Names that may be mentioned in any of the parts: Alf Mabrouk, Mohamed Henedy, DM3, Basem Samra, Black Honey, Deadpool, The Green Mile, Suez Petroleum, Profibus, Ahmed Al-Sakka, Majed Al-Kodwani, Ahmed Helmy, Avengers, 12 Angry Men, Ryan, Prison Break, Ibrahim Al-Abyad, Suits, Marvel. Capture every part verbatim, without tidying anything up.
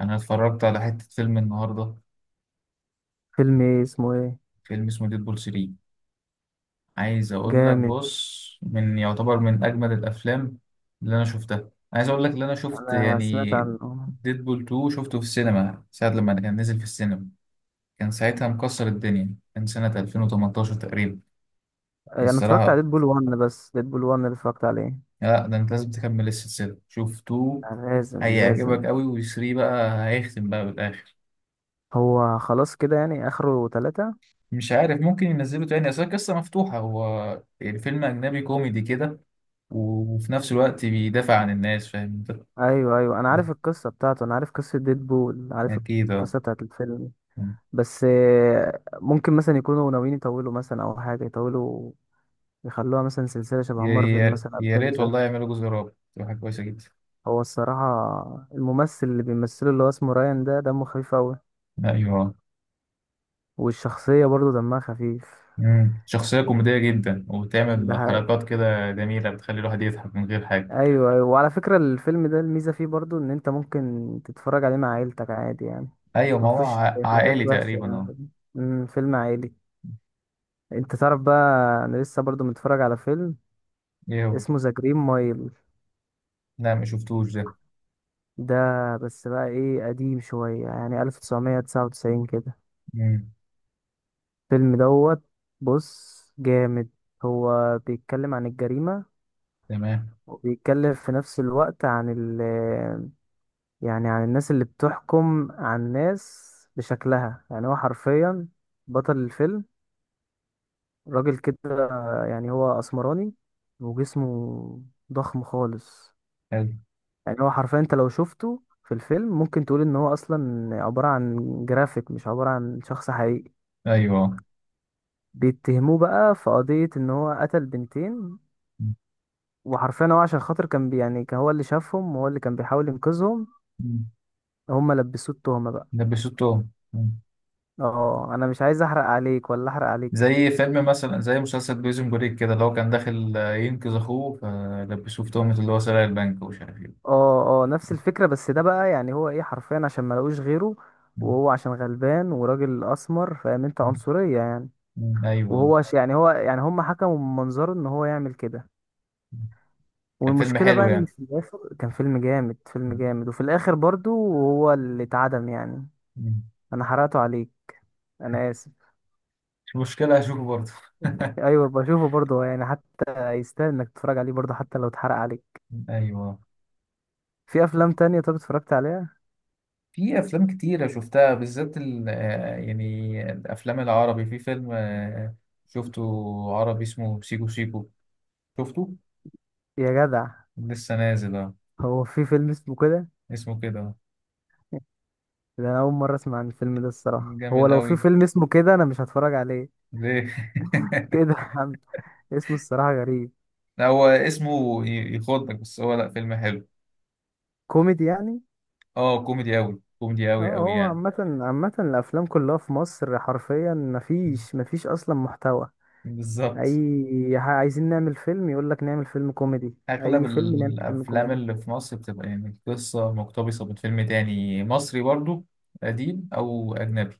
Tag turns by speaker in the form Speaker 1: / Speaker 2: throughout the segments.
Speaker 1: انا اتفرجت على حتة فيلم النهاردة.
Speaker 2: فيلم ايه اسمه ايه؟
Speaker 1: فيلم اسمه ديدبول ثلاثة. عايز اقول لك،
Speaker 2: جامد.
Speaker 1: بص، من يعتبر من اجمل الافلام اللي انا شفتها. عايز اقول لك اللي انا شفت
Speaker 2: انا سمعت
Speaker 1: يعني.
Speaker 2: عن آه،
Speaker 1: ديدبول اتنين شفته في السينما ساعة لما كان نزل في السينما. كان ساعتها مكسر الدنيا، كان سنة ألفين وتمنتاشر تقريبا،
Speaker 2: انا اتفرجت على
Speaker 1: الصراحة.
Speaker 2: ديدبول واحد، بس ديدبول واحد اللي اتفرجت عليه.
Speaker 1: لا، ده انت لازم تكمل السلسلة. شوف اتنين،
Speaker 2: آه، لازم لازم
Speaker 1: هيعجبك قوي، و3 بقى هيختم بقى بالاخر.
Speaker 2: هو خلاص كده يعني اخره ثلاثة؟
Speaker 1: مش عارف، ممكن ينزله تاني، اصل القصه مفتوحه. هو يعني فيلم اجنبي كوميدي كده، وفي نفس الوقت بيدافع عن الناس، فاهم انت؟
Speaker 2: ايوه ايوه، انا عارف القصة بتاعته، انا عارف قصة ديدبول، عارف
Speaker 1: اكيد اه.
Speaker 2: القصة بتاعت الفيلم. بس آه، ممكن مثلا يكونوا ناويين يطولوا، مثلا او حاجة يطولوا يخلوها مثلا سلسلة شبه
Speaker 1: يا
Speaker 2: مارفل،
Speaker 1: يا
Speaker 2: مثلا
Speaker 1: يا ريت والله
Speaker 2: افنجر.
Speaker 1: يعملوا جزء رابع، تبقى حاجه كويسه جدا.
Speaker 2: هو الصراحة الممثل اللي بيمثله اللي هو اسمه رايان ده دمه خفيف اوي.
Speaker 1: ايوه.
Speaker 2: والشخصية برضه دمها خفيف.
Speaker 1: مم. شخصيه كوميديه جدا،
Speaker 2: ده
Speaker 1: وبتعمل
Speaker 2: حقيقي.
Speaker 1: حركات كده جميله، بتخلي الواحد يضحك من غير حاجه.
Speaker 2: ايوه ايوه، وعلى فكره الفيلم ده الميزه فيه برضو ان انت ممكن تتفرج عليه مع عيلتك عادي يعني.
Speaker 1: ايوه، ما
Speaker 2: ما
Speaker 1: هو
Speaker 2: فيهوش
Speaker 1: ع-
Speaker 2: حاجات
Speaker 1: عائلي
Speaker 2: وحشه
Speaker 1: تقريبا، اه.
Speaker 2: يعني. امم فيلم عائلي. انت تعرف بقى، انا لسه برضو متفرج على فيلم
Speaker 1: ايه هو؟
Speaker 2: اسمه ذا جرين مايل
Speaker 1: لا، ما شفتوش ده.
Speaker 2: ده. بس بقى ايه، قديم شويه يعني ألف وتسعمية تسعة وتسعين كده
Speaker 1: مم.
Speaker 2: الفيلم دوت. بص جامد، هو بيتكلم عن الجريمه،
Speaker 1: تمام.
Speaker 2: وبيتكلم في نفس الوقت عن ال يعني عن الناس اللي بتحكم عن الناس بشكلها. يعني هو حرفيا بطل الفيلم راجل كده، يعني هو اسمراني وجسمه ضخم خالص.
Speaker 1: حلو.
Speaker 2: يعني هو حرفيا انت لو شفته في الفيلم ممكن تقول ان هو اصلا عبارة عن جرافيك، مش عبارة عن شخص حقيقي.
Speaker 1: ايوه، آه.
Speaker 2: بيتهموه بقى في قضية ان هو قتل بنتين، وحرفيا هو عشان خاطر كان بي يعني كان هو اللي شافهم وهو اللي كان بيحاول ينقذهم،
Speaker 1: مم.
Speaker 2: هما لبسوه التهمة بقى.
Speaker 1: ده بيشوتهم.
Speaker 2: اه انا مش عايز احرق عليك، ولا احرق عليك.
Speaker 1: زي فيلم مثلا، زي مسلسل بريزون بريك كده، اللي هو كان داخل آه، ينقذ اخوه، فلبسوه في تهمة اللي هو سرق البنك ومش عارف ايه.
Speaker 2: اه اه نفس الفكرة، بس ده بقى يعني هو ايه، حرفيا عشان ما لقوش غيره،
Speaker 1: مم.
Speaker 2: وهو عشان غلبان وراجل اسمر، فاهم انت؟
Speaker 1: مم.
Speaker 2: عنصرية يعني.
Speaker 1: مم. ايوه.
Speaker 2: وهو ش- يعني هو يعني هم حكموا من منظره ان هو يعمل كده.
Speaker 1: كان فيلم
Speaker 2: والمشكلة بقى
Speaker 1: حلو
Speaker 2: ان
Speaker 1: يعني.
Speaker 2: في الاخر كان فيلم جامد فيلم
Speaker 1: مم.
Speaker 2: جامد وفي الاخر برضو هو اللي اتعدم يعني.
Speaker 1: مم.
Speaker 2: انا حرقته عليك، انا اسف.
Speaker 1: مش مشكلة، هشوفه برضه.
Speaker 2: ايوه بشوفه برضو، يعني حتى يستاهل انك تتفرج عليه برضو حتى لو اتحرق عليك.
Speaker 1: ايوه.
Speaker 2: في افلام تانية طب اتفرجت عليها؟
Speaker 1: في افلام كتيرة شفتها، بالذات ال- آه، يعني الافلام العربي. في فيلم آه، شفته، عربي اسمه سيكو سيكو. شفته،
Speaker 2: يا جدع،
Speaker 1: لسه نازل، آه.
Speaker 2: هو في فيلم اسمه كده؟
Speaker 1: اسمه كده.
Speaker 2: ده أنا أول مرة أسمع عن الفيلم ده الصراحة.
Speaker 1: جامد
Speaker 2: هو لو في
Speaker 1: قوي.
Speaker 2: فيلم اسمه كده أنا مش هتفرج عليه.
Speaker 1: ليه؟
Speaker 2: كده عم- اسمه الصراحة غريب.
Speaker 1: هو اسمه ي- يخضك بس، هو لا، فيلم حلو.
Speaker 2: كوميدي يعني؟
Speaker 1: اه، كوميدي أوي، كوميدي
Speaker 2: اه
Speaker 1: أوي أوي
Speaker 2: هو
Speaker 1: يعني.
Speaker 2: عامة، عامة الأفلام كلها في مصر حرفيا
Speaker 1: م.
Speaker 2: مفيش مفيش أصلا محتوى.
Speaker 1: بالظبط.
Speaker 2: أي ح- عايزين نعمل فيلم، يقولك نعمل فيلم كوميدي،
Speaker 1: أغلب
Speaker 2: أي فيلم نعمل فيلم
Speaker 1: الأفلام
Speaker 2: كوميدي.
Speaker 1: اللي في مصر بتبقى يعني القصة مقتبسة من فيلم تاني مصري برضو، قديم أو أجنبي.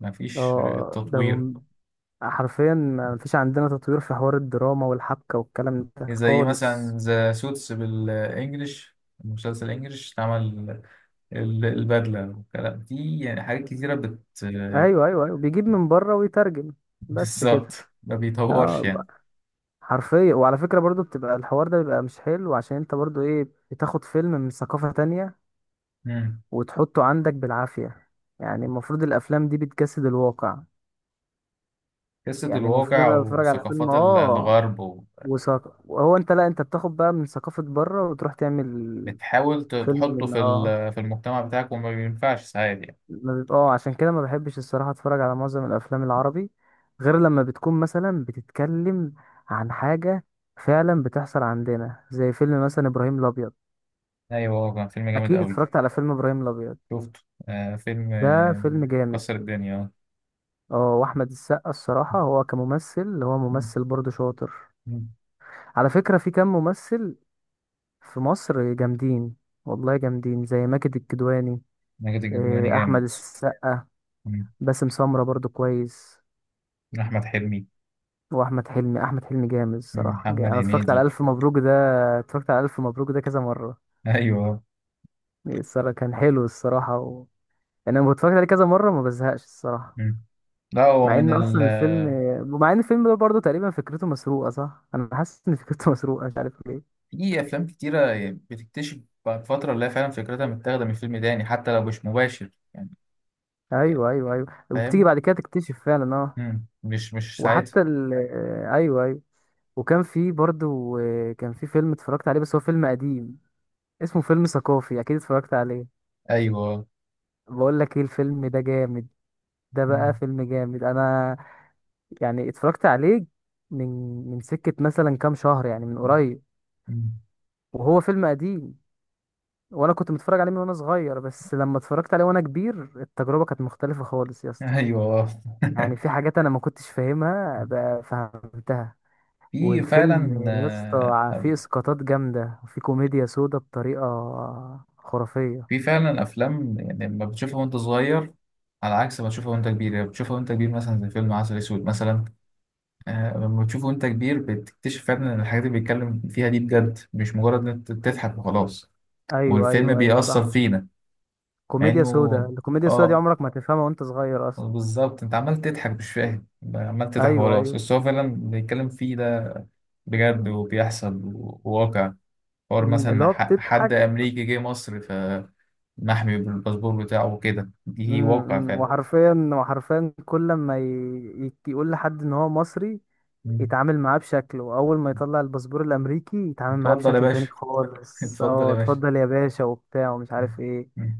Speaker 1: مفيش
Speaker 2: اه ده
Speaker 1: تطوير.
Speaker 2: هم- حرفيا مفيش عندنا تطوير في حوار الدراما والحبكة والكلام ده
Speaker 1: زي مثلا
Speaker 2: خالص.
Speaker 1: ذا سوتس بالإنجلش، المسلسل إنجلش اتعمل، ال- البدلة والكلام دي، يعني حاجات كتيرة بت
Speaker 2: أيوه أيوه أيوه، بيجيب من بره ويترجم، بس
Speaker 1: بالظبط،
Speaker 2: كده.
Speaker 1: ما بيطورش
Speaker 2: اه حرفيا، وعلى فكرة برضو بتبقى الحوار ده بيبقى مش حلو، عشان انت برضو ايه، بتاخد فيلم من ثقافة تانية
Speaker 1: يعني.
Speaker 2: وتحطه عندك بالعافية. يعني المفروض الافلام دي بتجسد الواقع.
Speaker 1: قصة
Speaker 2: يعني المفروض
Speaker 1: الواقع
Speaker 2: انا بتفرج على فيلم
Speaker 1: وثقافات ال-
Speaker 2: اه
Speaker 1: الغرب و-.
Speaker 2: وثق وهو انت لا، انت بتاخد بقى من ثقافة بره وتروح تعمل
Speaker 1: بتحاول ت-
Speaker 2: فيلم
Speaker 1: تحطه
Speaker 2: من
Speaker 1: في
Speaker 2: اه
Speaker 1: ال- في المجتمع بتاعك، وما بينفعش ساعات يعني.
Speaker 2: ما بيبقى- اه عشان كده ما بحبش الصراحة اتفرج على معظم الافلام العربي، غير لما بتكون مثلا بتتكلم عن حاجة فعلا بتحصل عندنا، زي فيلم مثلا ابراهيم الابيض.
Speaker 1: أيوة، هو كان فيلم جامد
Speaker 2: اكيد
Speaker 1: أوي.
Speaker 2: اتفرجت على فيلم ابراهيم الابيض،
Speaker 1: شفته، آه، فيلم،
Speaker 2: ده
Speaker 1: آه،
Speaker 2: فيلم جامد.
Speaker 1: كسر الدنيا، آه.
Speaker 2: اه واحمد السقا الصراحه هو كممثل، هو
Speaker 1: مم.
Speaker 2: ممثل برضه شاطر.
Speaker 1: مم.
Speaker 2: على فكره في كام ممثل في مصر جامدين، والله جامدين، زي ماجد الكدواني،
Speaker 1: ماجد الكدواني
Speaker 2: آه، احمد
Speaker 1: جامد.
Speaker 2: السقا،
Speaker 1: مم.
Speaker 2: باسم سمره برضه كويس،
Speaker 1: أحمد حلمي.
Speaker 2: واحمد حلمي. احمد حلمي جامد
Speaker 1: مم.
Speaker 2: الصراحه. جا-
Speaker 1: محمد
Speaker 2: انا اتفرجت على
Speaker 1: هنيدي.
Speaker 2: الف مبروك ده، اتفرجت على الف مبروك ده كذا مره.
Speaker 1: أيوة.
Speaker 2: الصراحه كان حلو الصراحه و... يعني انا اتفرجت عليه كذا مره، ما بزهقش الصراحه.
Speaker 1: مم. لا، هو
Speaker 2: مع
Speaker 1: من
Speaker 2: ان
Speaker 1: ال-.
Speaker 2: اصلا الفيلم، ومع ان الفيلم ده برضه تقريبا فكرته مسروقه، صح انا حاسس ان فكرته مسروقه، مش عارف ليه.
Speaker 1: في أفلام كتيرة يعني بتكتشف بعد فترة، اللي هي فعلا فكرتها متاخدة من فيلم تاني، حتى لو مش مباشر يعني.
Speaker 2: ايوه ايوه ايوه، وبتيجي
Speaker 1: فاهم.
Speaker 2: بعد كده تكتشف فعلا اه.
Speaker 1: مم. مش مش ساعتها.
Speaker 2: وحتى ال آه، ايوه ايوه. وكان في برضه، كان في فيلم اتفرجت عليه بس هو فيلم قديم، اسمه فيلم ثقافي، اكيد اتفرجت عليه.
Speaker 1: أيوة.
Speaker 2: بقول لك ايه الفيلم ده جامد. ده بقى
Speaker 1: مم.
Speaker 2: فيلم جامد. انا يعني اتفرجت عليه من من سكة مثلا كام شهر يعني، من قريب.
Speaker 1: مم.
Speaker 2: وهو فيلم قديم، وانا كنت متفرج عليه من وانا صغير، بس لما اتفرجت عليه وانا كبير التجربه كانت مختلفه خالص يا اسطى.
Speaker 1: ايوه.
Speaker 2: يعني في حاجات انا ما كنتش فاهمها بقى فهمتها.
Speaker 1: في
Speaker 2: والفيلم
Speaker 1: فعلا،
Speaker 2: يا اسطى ع- فيه
Speaker 1: آه،
Speaker 2: اسقاطات جامده، وفيه كوميديا سودا بطريقه خرافيه.
Speaker 1: في فعلا افلام يعني لما بتشوفها وانت صغير على عكس ما تشوفها وانت كبير. يعني بتشوفها وانت كبير، مثلا زي فيلم عسل اسود مثلا، آه، لما بتشوفه وانت كبير بتكتشف فعلا ان الحاجات اللي بيتكلم فيها دي بجد، مش مجرد ان انت تضحك وخلاص.
Speaker 2: ايوه
Speaker 1: والفيلم
Speaker 2: ايوه ايوه
Speaker 1: بيأثر
Speaker 2: صح،
Speaker 1: فينا. مع
Speaker 2: كوميديا سودا.
Speaker 1: انه،
Speaker 2: الكوميديا السودا دي
Speaker 1: اه،
Speaker 2: عمرك ما تفهمها وانت صغير اصلا.
Speaker 1: بالظبط. انت عمال تضحك مش فاهم، عمال تضحك
Speaker 2: ايوه
Speaker 1: وخلاص،
Speaker 2: ايوه.
Speaker 1: بس هو فعلا بيتكلم فيه ده بجد، وبيحصل، وواقع. حوار
Speaker 2: أمم، اللي
Speaker 1: مثلا
Speaker 2: هو
Speaker 1: ح- حد
Speaker 2: بتضحك.
Speaker 1: أمريكي جه مصر فمحمي بالباسبور بتاعه وكده، دي
Speaker 2: أمم،
Speaker 1: واقع
Speaker 2: أمم،
Speaker 1: فعلا.
Speaker 2: وحرفيا، وحرفيا كل ما ي... يك- يقول لحد ان هو مصري
Speaker 1: مم.
Speaker 2: يتعامل معاه بشكل، واول ما يطلع الباسبور الامريكي يتعامل معاه
Speaker 1: اتفضل يا
Speaker 2: بشكل تاني
Speaker 1: باشا.
Speaker 2: خالص.
Speaker 1: اتفضل
Speaker 2: اه
Speaker 1: يا باشا.
Speaker 2: اتفضل يا باشا وبتاع ومش عارف ايه.
Speaker 1: مم.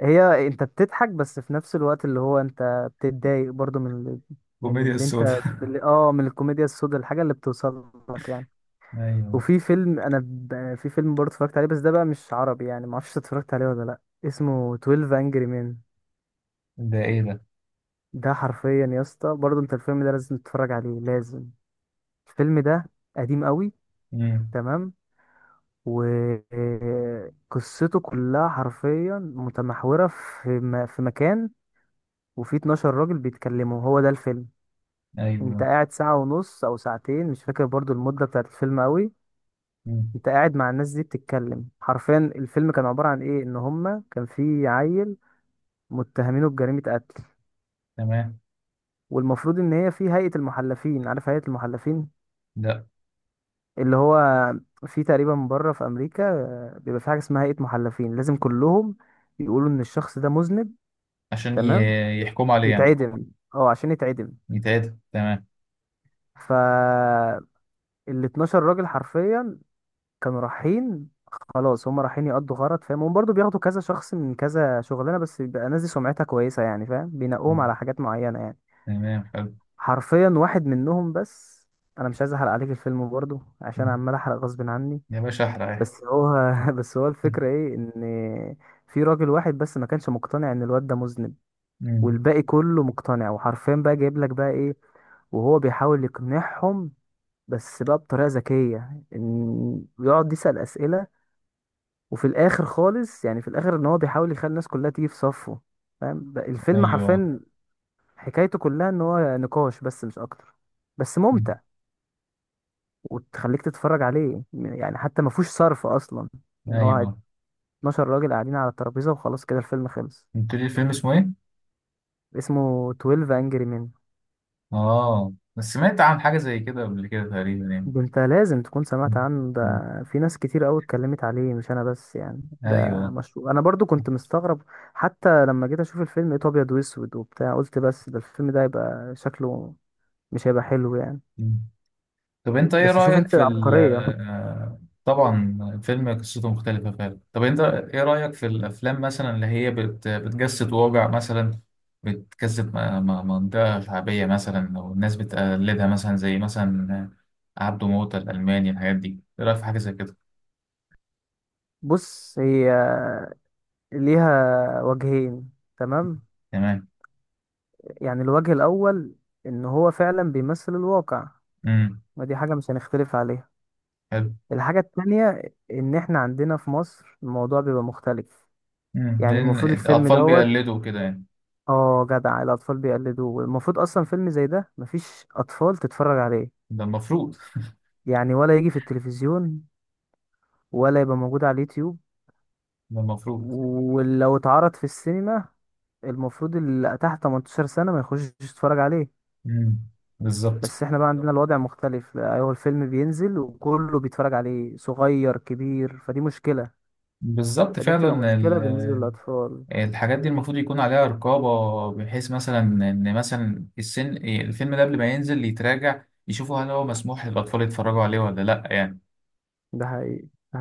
Speaker 2: هي انت بتضحك، بس في نفس الوقت اللي هو انت بتتضايق برضو من ال- من
Speaker 1: كوميديا
Speaker 2: اللي انت
Speaker 1: السودا.
Speaker 2: من اللي اه من الكوميديا السوداء، الحاجه اللي بتوصل لك يعني.
Speaker 1: ايوه.
Speaker 2: وفي فيلم انا ب... في فيلم برضه اتفرجت عليه، بس ده بقى مش عربي يعني، ما اعرفش اتفرجت عليه ولا لا. اسمه اتناشر انجري مان.
Speaker 1: ده ايه ده؟
Speaker 2: ده حرفيا يا اسطى برضه، انت الفيلم ده لازم تتفرج عليه لازم. الفيلم ده قديم قوي.
Speaker 1: مم.
Speaker 2: تمام. وقصته كلها حرفيا متمحورة في م- في مكان، وفي اتناشر راجل بيتكلموا، هو ده الفيلم. انت
Speaker 1: ايوه.
Speaker 2: قاعد ساعة ونص او ساعتين، مش فاكر برضو المدة بتاعت الفيلم قوي.
Speaker 1: مم.
Speaker 2: انت قاعد مع الناس دي بتتكلم. حرفيا الفيلم كان عبارة عن ايه، ان هما كان في عيل متهمينه بجريمة قتل.
Speaker 1: تمام.
Speaker 2: والمفروض ان هي في هيئة المحلفين، عارف هيئة المحلفين
Speaker 1: لا.
Speaker 2: اللي هو في تقريبا بره في امريكا آه، بيبقى في حاجة اسمها هيئة محلفين، لازم كلهم يقولوا ان الشخص ده مذنب.
Speaker 1: عشان
Speaker 2: تمام.
Speaker 1: ي- يحكموا عليه يعني.
Speaker 2: يتعدم، اه عشان يتعدم.
Speaker 1: يتعدل، تمام.
Speaker 2: فال اتناشر راجل حرفيا كانوا رايحين، خلاص هم رايحين يقضوا غرض، فاهم؟ هم برضه بياخدوا كذا شخص من كذا شغلانه، بس بيبقى الناس دي سمعتها كويسه يعني، فاهم؟ بينقوهم
Speaker 1: مم.
Speaker 2: على حاجات معينه يعني.
Speaker 1: تمام. حلو.
Speaker 2: حرفيا واحد منهم بس، انا مش عايز احرق عليك الفيلم برضه، عشان
Speaker 1: مم.
Speaker 2: عمال احرق غصب عني.
Speaker 1: يا باشا احرق.
Speaker 2: بس هو بس هو
Speaker 1: مم.
Speaker 2: الفكره ايه، ان في راجل واحد بس ما كانش مقتنع ان الواد ده مذنب،
Speaker 1: مم.
Speaker 2: والباقي كله مقتنع. وحرفيا بقى جايب لك بقى ايه، وهو بيحاول يقنعهم بس بقى بطريقة ذكية، ان يقعد يسأل أسئلة. وفي الآخر خالص يعني في الآخر ان هو بيحاول يخلي الناس كلها تيجي في صفه. فاهم بقى الفيلم
Speaker 1: ايوه.
Speaker 2: حرفيا حكايته كلها ان هو نقاش بس، مش اكتر، بس
Speaker 1: مم.
Speaker 2: ممتع. وتخليك تتفرج عليه يعني، حتى ما فيهوش صرف اصلا. يعني هو
Speaker 1: ايوه.
Speaker 2: اتناشر راجل قاعدين على الترابيزة، وخلاص كده الفيلم خلص.
Speaker 1: قلت لي الفيلم اسمه ايه؟
Speaker 2: اسمه تويلف Angry Men.
Speaker 1: اه، بس سمعت عن حاجه زي كده قبل كده تقريبا يعني.
Speaker 2: ده انت لازم تكون سمعت
Speaker 1: مم.
Speaker 2: عنه ده،
Speaker 1: مم.
Speaker 2: في ناس كتير قوي اتكلمت عليه مش انا بس يعني. ده
Speaker 1: ايوه.
Speaker 2: مشروع. انا برضو كنت مستغرب، حتى لما جيت اشوف الفيلم لقيته ابيض واسود وبتاع، قلت بس ده الفيلم ده هيبقى شكله مش هيبقى حلو يعني.
Speaker 1: مم. طب انت ايه
Speaker 2: بس شوف
Speaker 1: رأيك
Speaker 2: انت
Speaker 1: في ال
Speaker 2: العبقرية.
Speaker 1: آه، طبعا الفيلم قصته مختلفة فعلا. طب انت ايه رأيك في الافلام مثلا اللي هي بت بتجسد واقع مثلا، بتجسد م- م- منطقة شعبية مثلا، او الناس بتقلدها، مثلا زي مثلا عبده موتة، الألماني، الحاجات دي، ايه رأيك في حاجة زي كده؟
Speaker 2: بص هي ليها وجهين، تمام؟
Speaker 1: تمام.
Speaker 2: يعني الوجه الاول ان هو فعلا بيمثل الواقع،
Speaker 1: امم.
Speaker 2: ودي حاجة مش هنختلف عليها.
Speaker 1: حلو.
Speaker 2: الحاجة التانية، ان احنا عندنا في مصر الموضوع بيبقى مختلف.
Speaker 1: امم.
Speaker 2: يعني
Speaker 1: لأن
Speaker 2: المفروض الفيلم
Speaker 1: الأطفال
Speaker 2: دوت،
Speaker 1: بيقلدوا كده يعني.
Speaker 2: اه جدع الأطفال بيقلدوه، المفروض أصلا فيلم زي ده مفيش أطفال تتفرج عليه،
Speaker 1: ده المفروض.
Speaker 2: يعني ولا يجي في التلفزيون، ولا يبقى موجود على اليوتيوب.
Speaker 1: ده المفروض.
Speaker 2: ولو اتعرض في السينما المفروض اللي تحت تمنتاشر سنة ما يخشش يتفرج عليه.
Speaker 1: امم. بالظبط.
Speaker 2: بس احنا بقى عندنا الوضع مختلف، لا، هو الفيلم بينزل وكله بيتفرج عليه صغير كبير، فدي مشكلة.
Speaker 1: بالظبط
Speaker 2: فدي بتبقى
Speaker 1: فعلا.
Speaker 2: مشكلة بالنسبة للأطفال.
Speaker 1: الحاجات دي المفروض يكون عليها رقابة، بحيث مثلا إن مثلا السن، الفيلم ده قبل ما ينزل يتراجع يشوفوا هل هو مسموح للأطفال يتفرجوا عليه ولا لأ يعني.
Speaker 2: ده حقيقي. ده